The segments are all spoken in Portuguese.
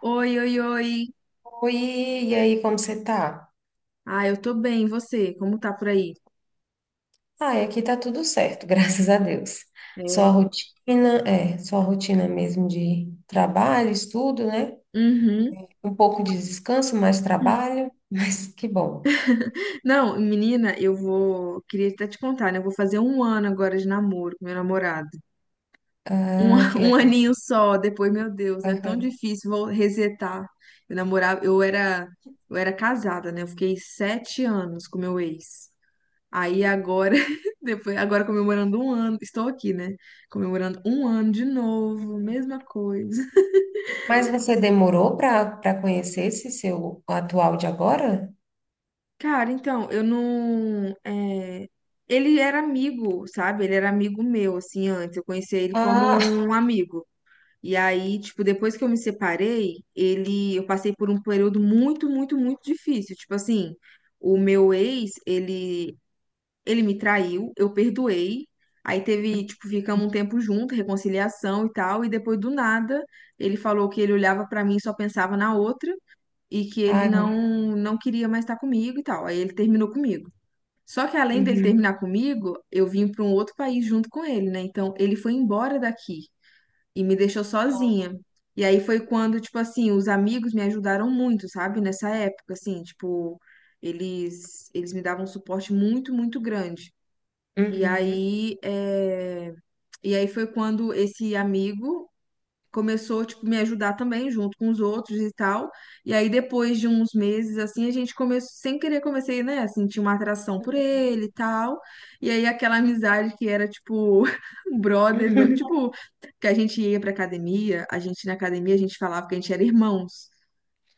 Oi, oi, oi. Oi, e aí, como você tá? Ah, eu tô bem, e você? Como tá por aí? Ah, aqui tá tudo certo, graças a Deus. Só a É. rotina, é, só a rotina mesmo de trabalho, estudo, né? Uhum. Um pouco de descanso, mais trabalho, mas que bom. Não, menina, eu vou. Queria até te contar, né? Eu vou fazer um ano agora de namoro com meu namorado. Um, Ah, que um legal. aninho só, depois, meu Deus, é tão Aham. difícil, vou resetar. Eu namorava, eu era, eu era casada, né? Eu fiquei sete anos com meu ex. Aí agora, depois, agora comemorando um ano, estou aqui, né? Comemorando um ano de novo, mesma coisa. Mas você demorou para conhecer esse seu atual de agora? Cara, então, eu não. é, ele era amigo, sabe? Ele era amigo meu, assim, antes. Eu conhecia ele como Ah, um amigo. E aí, tipo, depois que eu me separei, ele. Eu passei por um período muito, muito, muito difícil. Tipo assim, o meu ex, ele. Ele me traiu, eu perdoei. Aí teve, tipo, ficamos um tempo junto, reconciliação e tal. E depois do nada, ele falou que ele olhava pra mim e só pensava na outra e que ele ai, não não queria mais estar comigo e tal. Aí ele terminou comigo. Só que além dele uhum. terminar comigo, eu vim para um outro país junto com ele, né? Então ele foi embora daqui e me deixou Nossa. sozinha. E aí foi quando, tipo assim, os amigos me ajudaram muito, sabe? Nessa época, assim, tipo, eles me davam um suporte muito, muito grande. E Uhum. aí, e aí foi quando esse amigo começou, tipo, me ajudar também, junto com os outros e tal. E aí, depois de uns meses, assim, a gente começou, sem querer, comecei, né, a sentir uma atração por ele e tal. E aí, aquela amizade que era, tipo, um brother meu, Uhum. tipo, que a gente ia pra academia, a gente na academia, a gente falava que a gente era irmãos.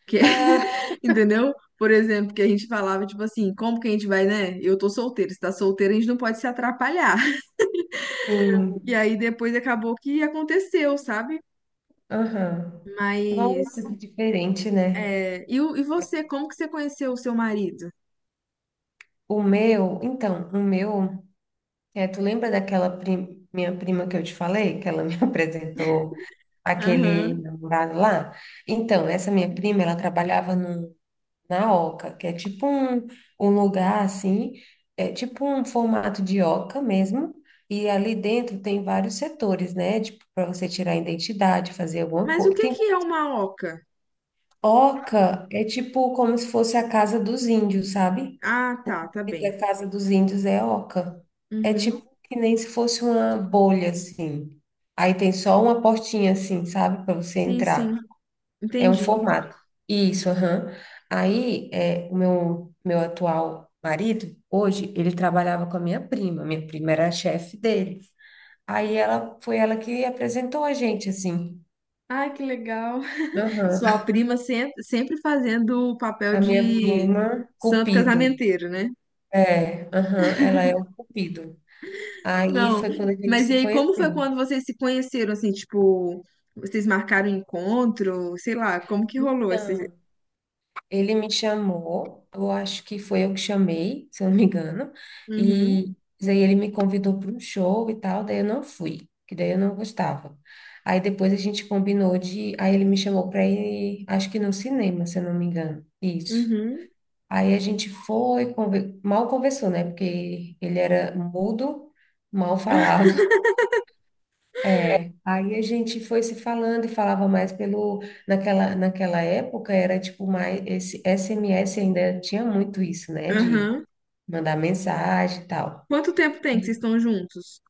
Que... Ah, Entendeu? Por exemplo, que a gente falava, tipo assim, como que a gente vai, né? Eu tô solteiro, se tá solteiro, a gente não pode se atrapalhar. E sim. aí depois acabou que aconteceu, sabe? Aham. Mas Nossa, que diferente, né? é, e, e você, como que você conheceu o seu marido? Então, tu lembra daquela minha prima que eu te falei, que ela me apresentou aquele Aham. namorado lá? Então, essa minha prima, ela trabalhava no, na Oca, que é tipo um lugar assim, é tipo um formato de Oca mesmo, e ali dentro tem vários setores, né? Tipo, para você tirar a identidade, fazer alguma Mas o coisa. que que é uma oca? Oca é tipo como se fosse a casa dos índios, sabe? Ah, O tá, tá nome bem. da casa dos índios é Oca. É Uhum. tipo que nem se fosse uma bolha, assim. Aí tem só uma portinha, assim, sabe? Para você Sim, sim, entrar. É um entendi. formato. Isso, aham. Aí, meu atual marido, hoje, ele trabalhava com a minha prima. Minha prima era a chefe dele. Aí foi ela que apresentou a gente, assim. Ai, que legal. Aham. Sua prima sempre fazendo o papel A minha de prima, santo Cupido. casamenteiro, né? É, aham, ela é o cupido. Aí Não, foi quando a gente mas e se aí, como foi conheceu. quando vocês se conheceram, assim, tipo, vocês marcaram encontro, sei lá, como que rolou esse... Então, ele me chamou, eu acho que foi eu que chamei, se eu não me engano, Uhum, e daí ele me convidou para um show e tal, daí eu não fui, que daí eu não gostava. Aí depois a gente combinou de, aí ele me chamou para ir, acho que no cinema, se eu não me engano. Isso. uhum, Aí a gente foi, mal conversou, né? Porque ele era mudo, mal falava. É, aí a gente foi se falando e falava mais naquela época era tipo mais, esse SMS ainda tinha muito isso, né, de aham. mandar mensagem e tal. Quanto tempo tem que E, vocês estão juntos?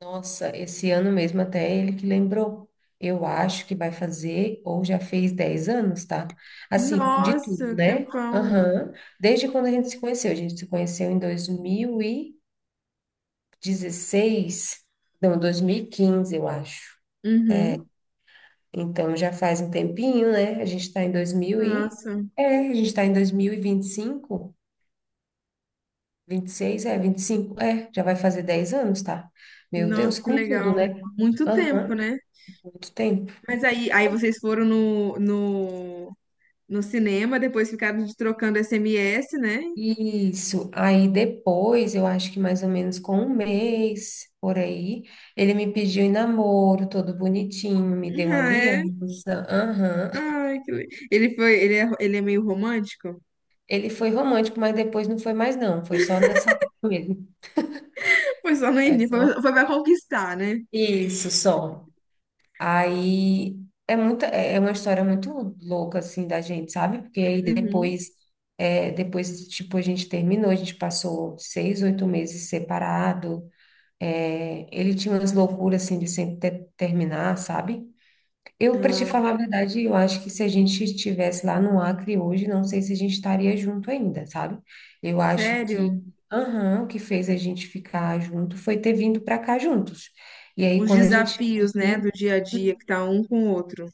Nossa, esse ano mesmo até ele que lembrou, eu acho que vai fazer, ou já fez 10 anos, tá? Assim, de Nossa, tudo, um né? tempão. Aham, desde quando a gente se conheceu em 2016, não, 2015 eu acho. Uhum. Então já faz um tempinho, né? Nossa, A gente está em dois mil e vinte vinte cinco vinte e seis é vinte e cinco, é, já vai fazer 10 anos, tá? Meu Deus, nossa, que com tudo, legal. né? Muito tempo, Aham, né? muito tempo. Mas aí, aí vocês foram no cinema, depois ficaram trocando SMS, né? Isso. Aí depois, eu acho que mais ou menos com um mês por aí, ele me pediu em namoro, todo bonitinho, me deu Ah, é? aliança. Aham. Ai, ele foi, ele é meio romântico? Ele foi romântico, mas depois não foi mais, não. Foi só nessa época mesmo. Foi só no É início, foi, só. foi pra conquistar, né? Isso, só. Aí é muita, é uma história muito louca assim da gente, sabe? Porque aí Uhum. depois, depois tipo a gente terminou, a gente passou 6, 8 meses separado. É, ele tinha umas loucuras assim de sempre terminar, sabe? Eu, para te Ah, falar a verdade, eu acho que se a gente estivesse lá no Acre hoje, não sei se a gente estaria junto ainda, sabe? Eu acho que, sério? aham, o que fez a gente ficar junto foi ter vindo para cá juntos. E aí, Os quando a gente chegou desafios, né, do aqui dia a dia que tá um com o outro.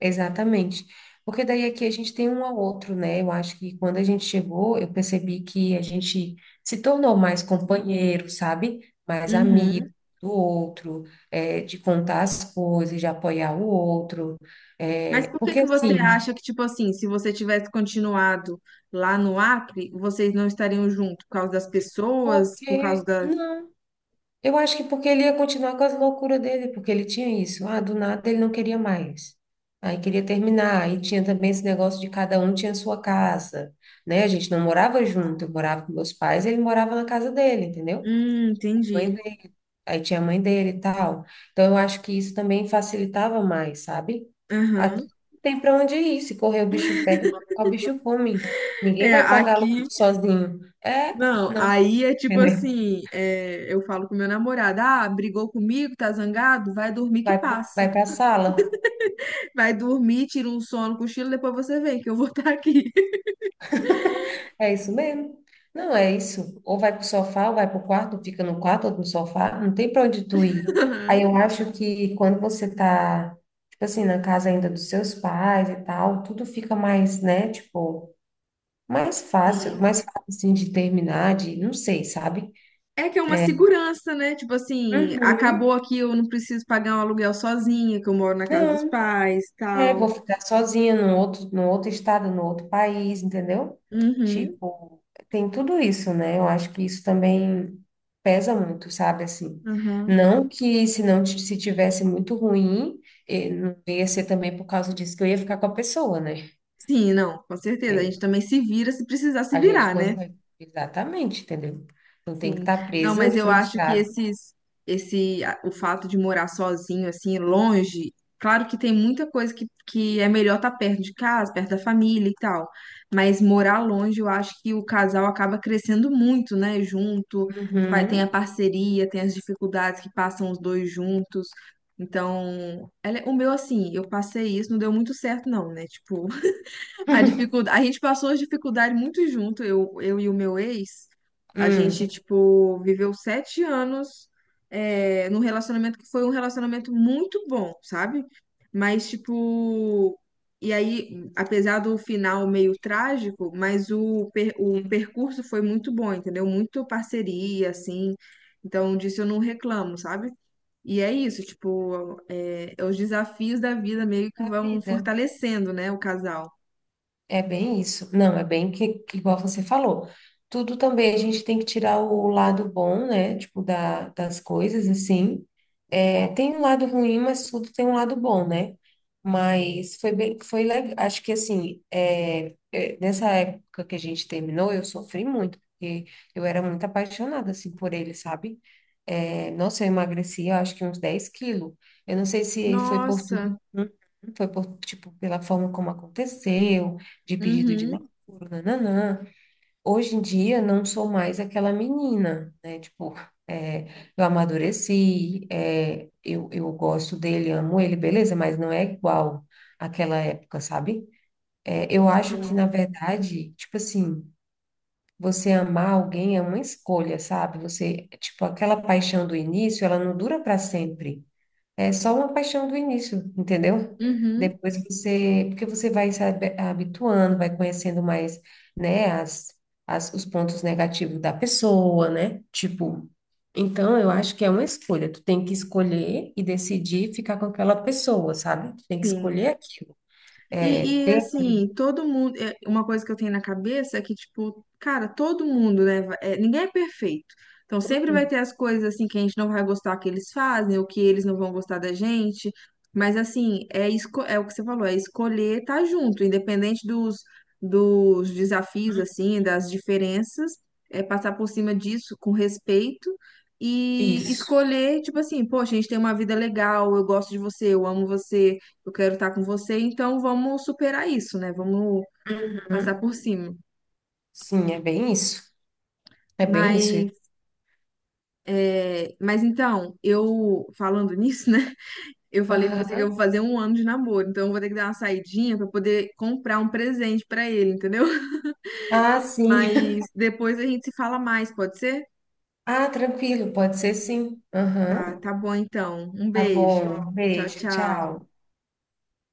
exatamente. Porque daí aqui a gente tem um ao outro, né? Eu acho que quando a gente chegou, eu percebi que a gente se tornou mais companheiro, sabe? Mais amigo Uhum. do outro, é, de contar as coisas, de apoiar o outro. Mas É, por que porque que você assim, acha que, tipo assim, se você tivesse continuado lá no Acre, vocês não estariam juntos? Por causa das pessoas, por causa porque da. não. Eu acho que porque ele ia continuar com as loucuras dele, porque ele tinha isso. Ah, do nada ele não queria mais. Aí queria terminar. Aí tinha também esse negócio de cada um tinha sua casa, né? A gente não morava junto, eu morava com meus pais, ele morava na casa dele, entendeu? Mãe Entendi. dele. Aí tinha a mãe dele e tal. Então eu acho que isso também facilitava mais, sabe? Aqui Aham. não tem para onde ir. Se correr o bicho pega, se ficar, o bicho come. Ninguém É, vai pagar aluguel aqui. sozinho. É, Não, não, aí é tipo entendeu? assim: é, eu falo com meu namorado, ah, brigou comigo, tá zangado? Vai dormir que Vai, passa. vai para a sala. Vai dormir, tira um sono, cochilo, depois você vem, que eu vou estar aqui. É isso mesmo. Não, é isso. Ou vai pro sofá, ou vai pro quarto, fica no quarto ou no sofá, não tem pra onde tu ir. Aí Aham. eu acho que quando você tá, tipo assim, na casa ainda dos seus pais e tal, tudo fica mais, né, tipo, Sim. mais fácil assim de terminar, de, não sei, sabe? É que é uma segurança, né? Tipo assim, acabou Uhum. aqui, eu não preciso pagar um aluguel sozinha, que eu moro na casa dos Não. pais, É, tal. vou ficar sozinha num outro estado, num outro país, entendeu? Uhum, Tipo, tem tudo isso, né? Eu acho que isso também pesa muito, sabe? Assim, uhum. não que se não se tivesse muito ruim, não ia ser também por causa disso que eu ia ficar com a pessoa, né? Sim, não, com certeza. A É, gente também se vira se precisar se a gente virar, né? consegue. Exatamente, entendeu? Não tem que Sim. estar Não, presa, mas eu acho que frustrada. Esse, o fato de morar sozinho, assim, longe, claro que tem muita coisa que é melhor estar perto de casa, perto da família e tal. Mas morar longe, eu acho que o casal acaba crescendo muito, né? Junto, tem a Uhum. parceria, tem as dificuldades que passam os dois juntos. Então, é, o meu, assim, eu passei isso, não deu muito certo, não, né? Tipo, a dificuldade, a gente passou as dificuldades muito junto, eu e o meu ex. A gente, Hum. tipo, viveu sete anos num relacionamento que foi um relacionamento muito bom, sabe? Mas, tipo, e aí, apesar do final meio trágico, mas o percurso foi muito bom, entendeu? Muito parceria, assim. Então, disso eu não reclamo, sabe? E é isso, tipo, é os desafios da vida meio que Da vão vida. fortalecendo, né, o casal. É bem isso. Não, é bem que igual você falou. Tudo também a gente tem que tirar o lado bom, né? Tipo, da, das coisas, assim. É, tem um lado ruim, mas tudo tem um lado bom, né? Mas foi bem, foi legal. Acho que assim, nessa época que a gente terminou, eu sofri muito, porque eu era muito apaixonada assim por ele, sabe? É, nossa, eu emagreci, eu acho que uns 10 quilos. Eu não sei se foi por tudo, Nossa. Foi por, tipo, pela forma como aconteceu, de pedido de Uhum. namoro, nananã. Hoje em dia não sou mais aquela menina, né? Tipo, é, eu amadureci, eu gosto dele, amo ele, beleza, mas não é igual àquela época, sabe? É, eu acho que, Sim. na verdade, tipo assim, você amar alguém é uma escolha, sabe? Você, tipo, aquela paixão do início, ela não dura para sempre. É só uma paixão do início, entendeu? Uhum. Depois você, porque você vai se habituando, vai conhecendo mais, né, as, os pontos negativos da pessoa, né? Tipo, então eu acho que é uma escolha. Tu tem que escolher e decidir ficar com aquela pessoa, sabe? Tu tem que Sim. escolher aquilo. É, ter Assim, uma coisa que eu tenho na cabeça é que, tipo, cara, todo mundo, né? Ninguém é perfeito. Então sempre vai ter as coisas assim que a gente não vai gostar que eles fazem, ou que eles não vão gostar da gente. Mas assim, é, é o que você falou, é escolher estar junto, independente dos, dos desafios, assim, das diferenças, é passar por cima disso com respeito. E isso. escolher, tipo assim, poxa, a gente tem uma vida legal, eu gosto de você, eu amo você, eu quero estar com você, então vamos superar isso, né? Vamos passar Uhum. por cima. Sim, é bem isso. É bem isso. Mas, é, mas então, eu falando nisso, né? Eu falei com você que eu Aham. vou fazer um ano de namoro, então eu vou ter que dar uma saidinha para poder comprar um presente para ele, entendeu? Ah, sim. Mas depois a gente se fala mais, pode ser? Ah, tranquilo, pode ser sim. Tá, Aham. tá bom então. Um Tá beijo. bom, Tchau, beijo, tchau. tchau.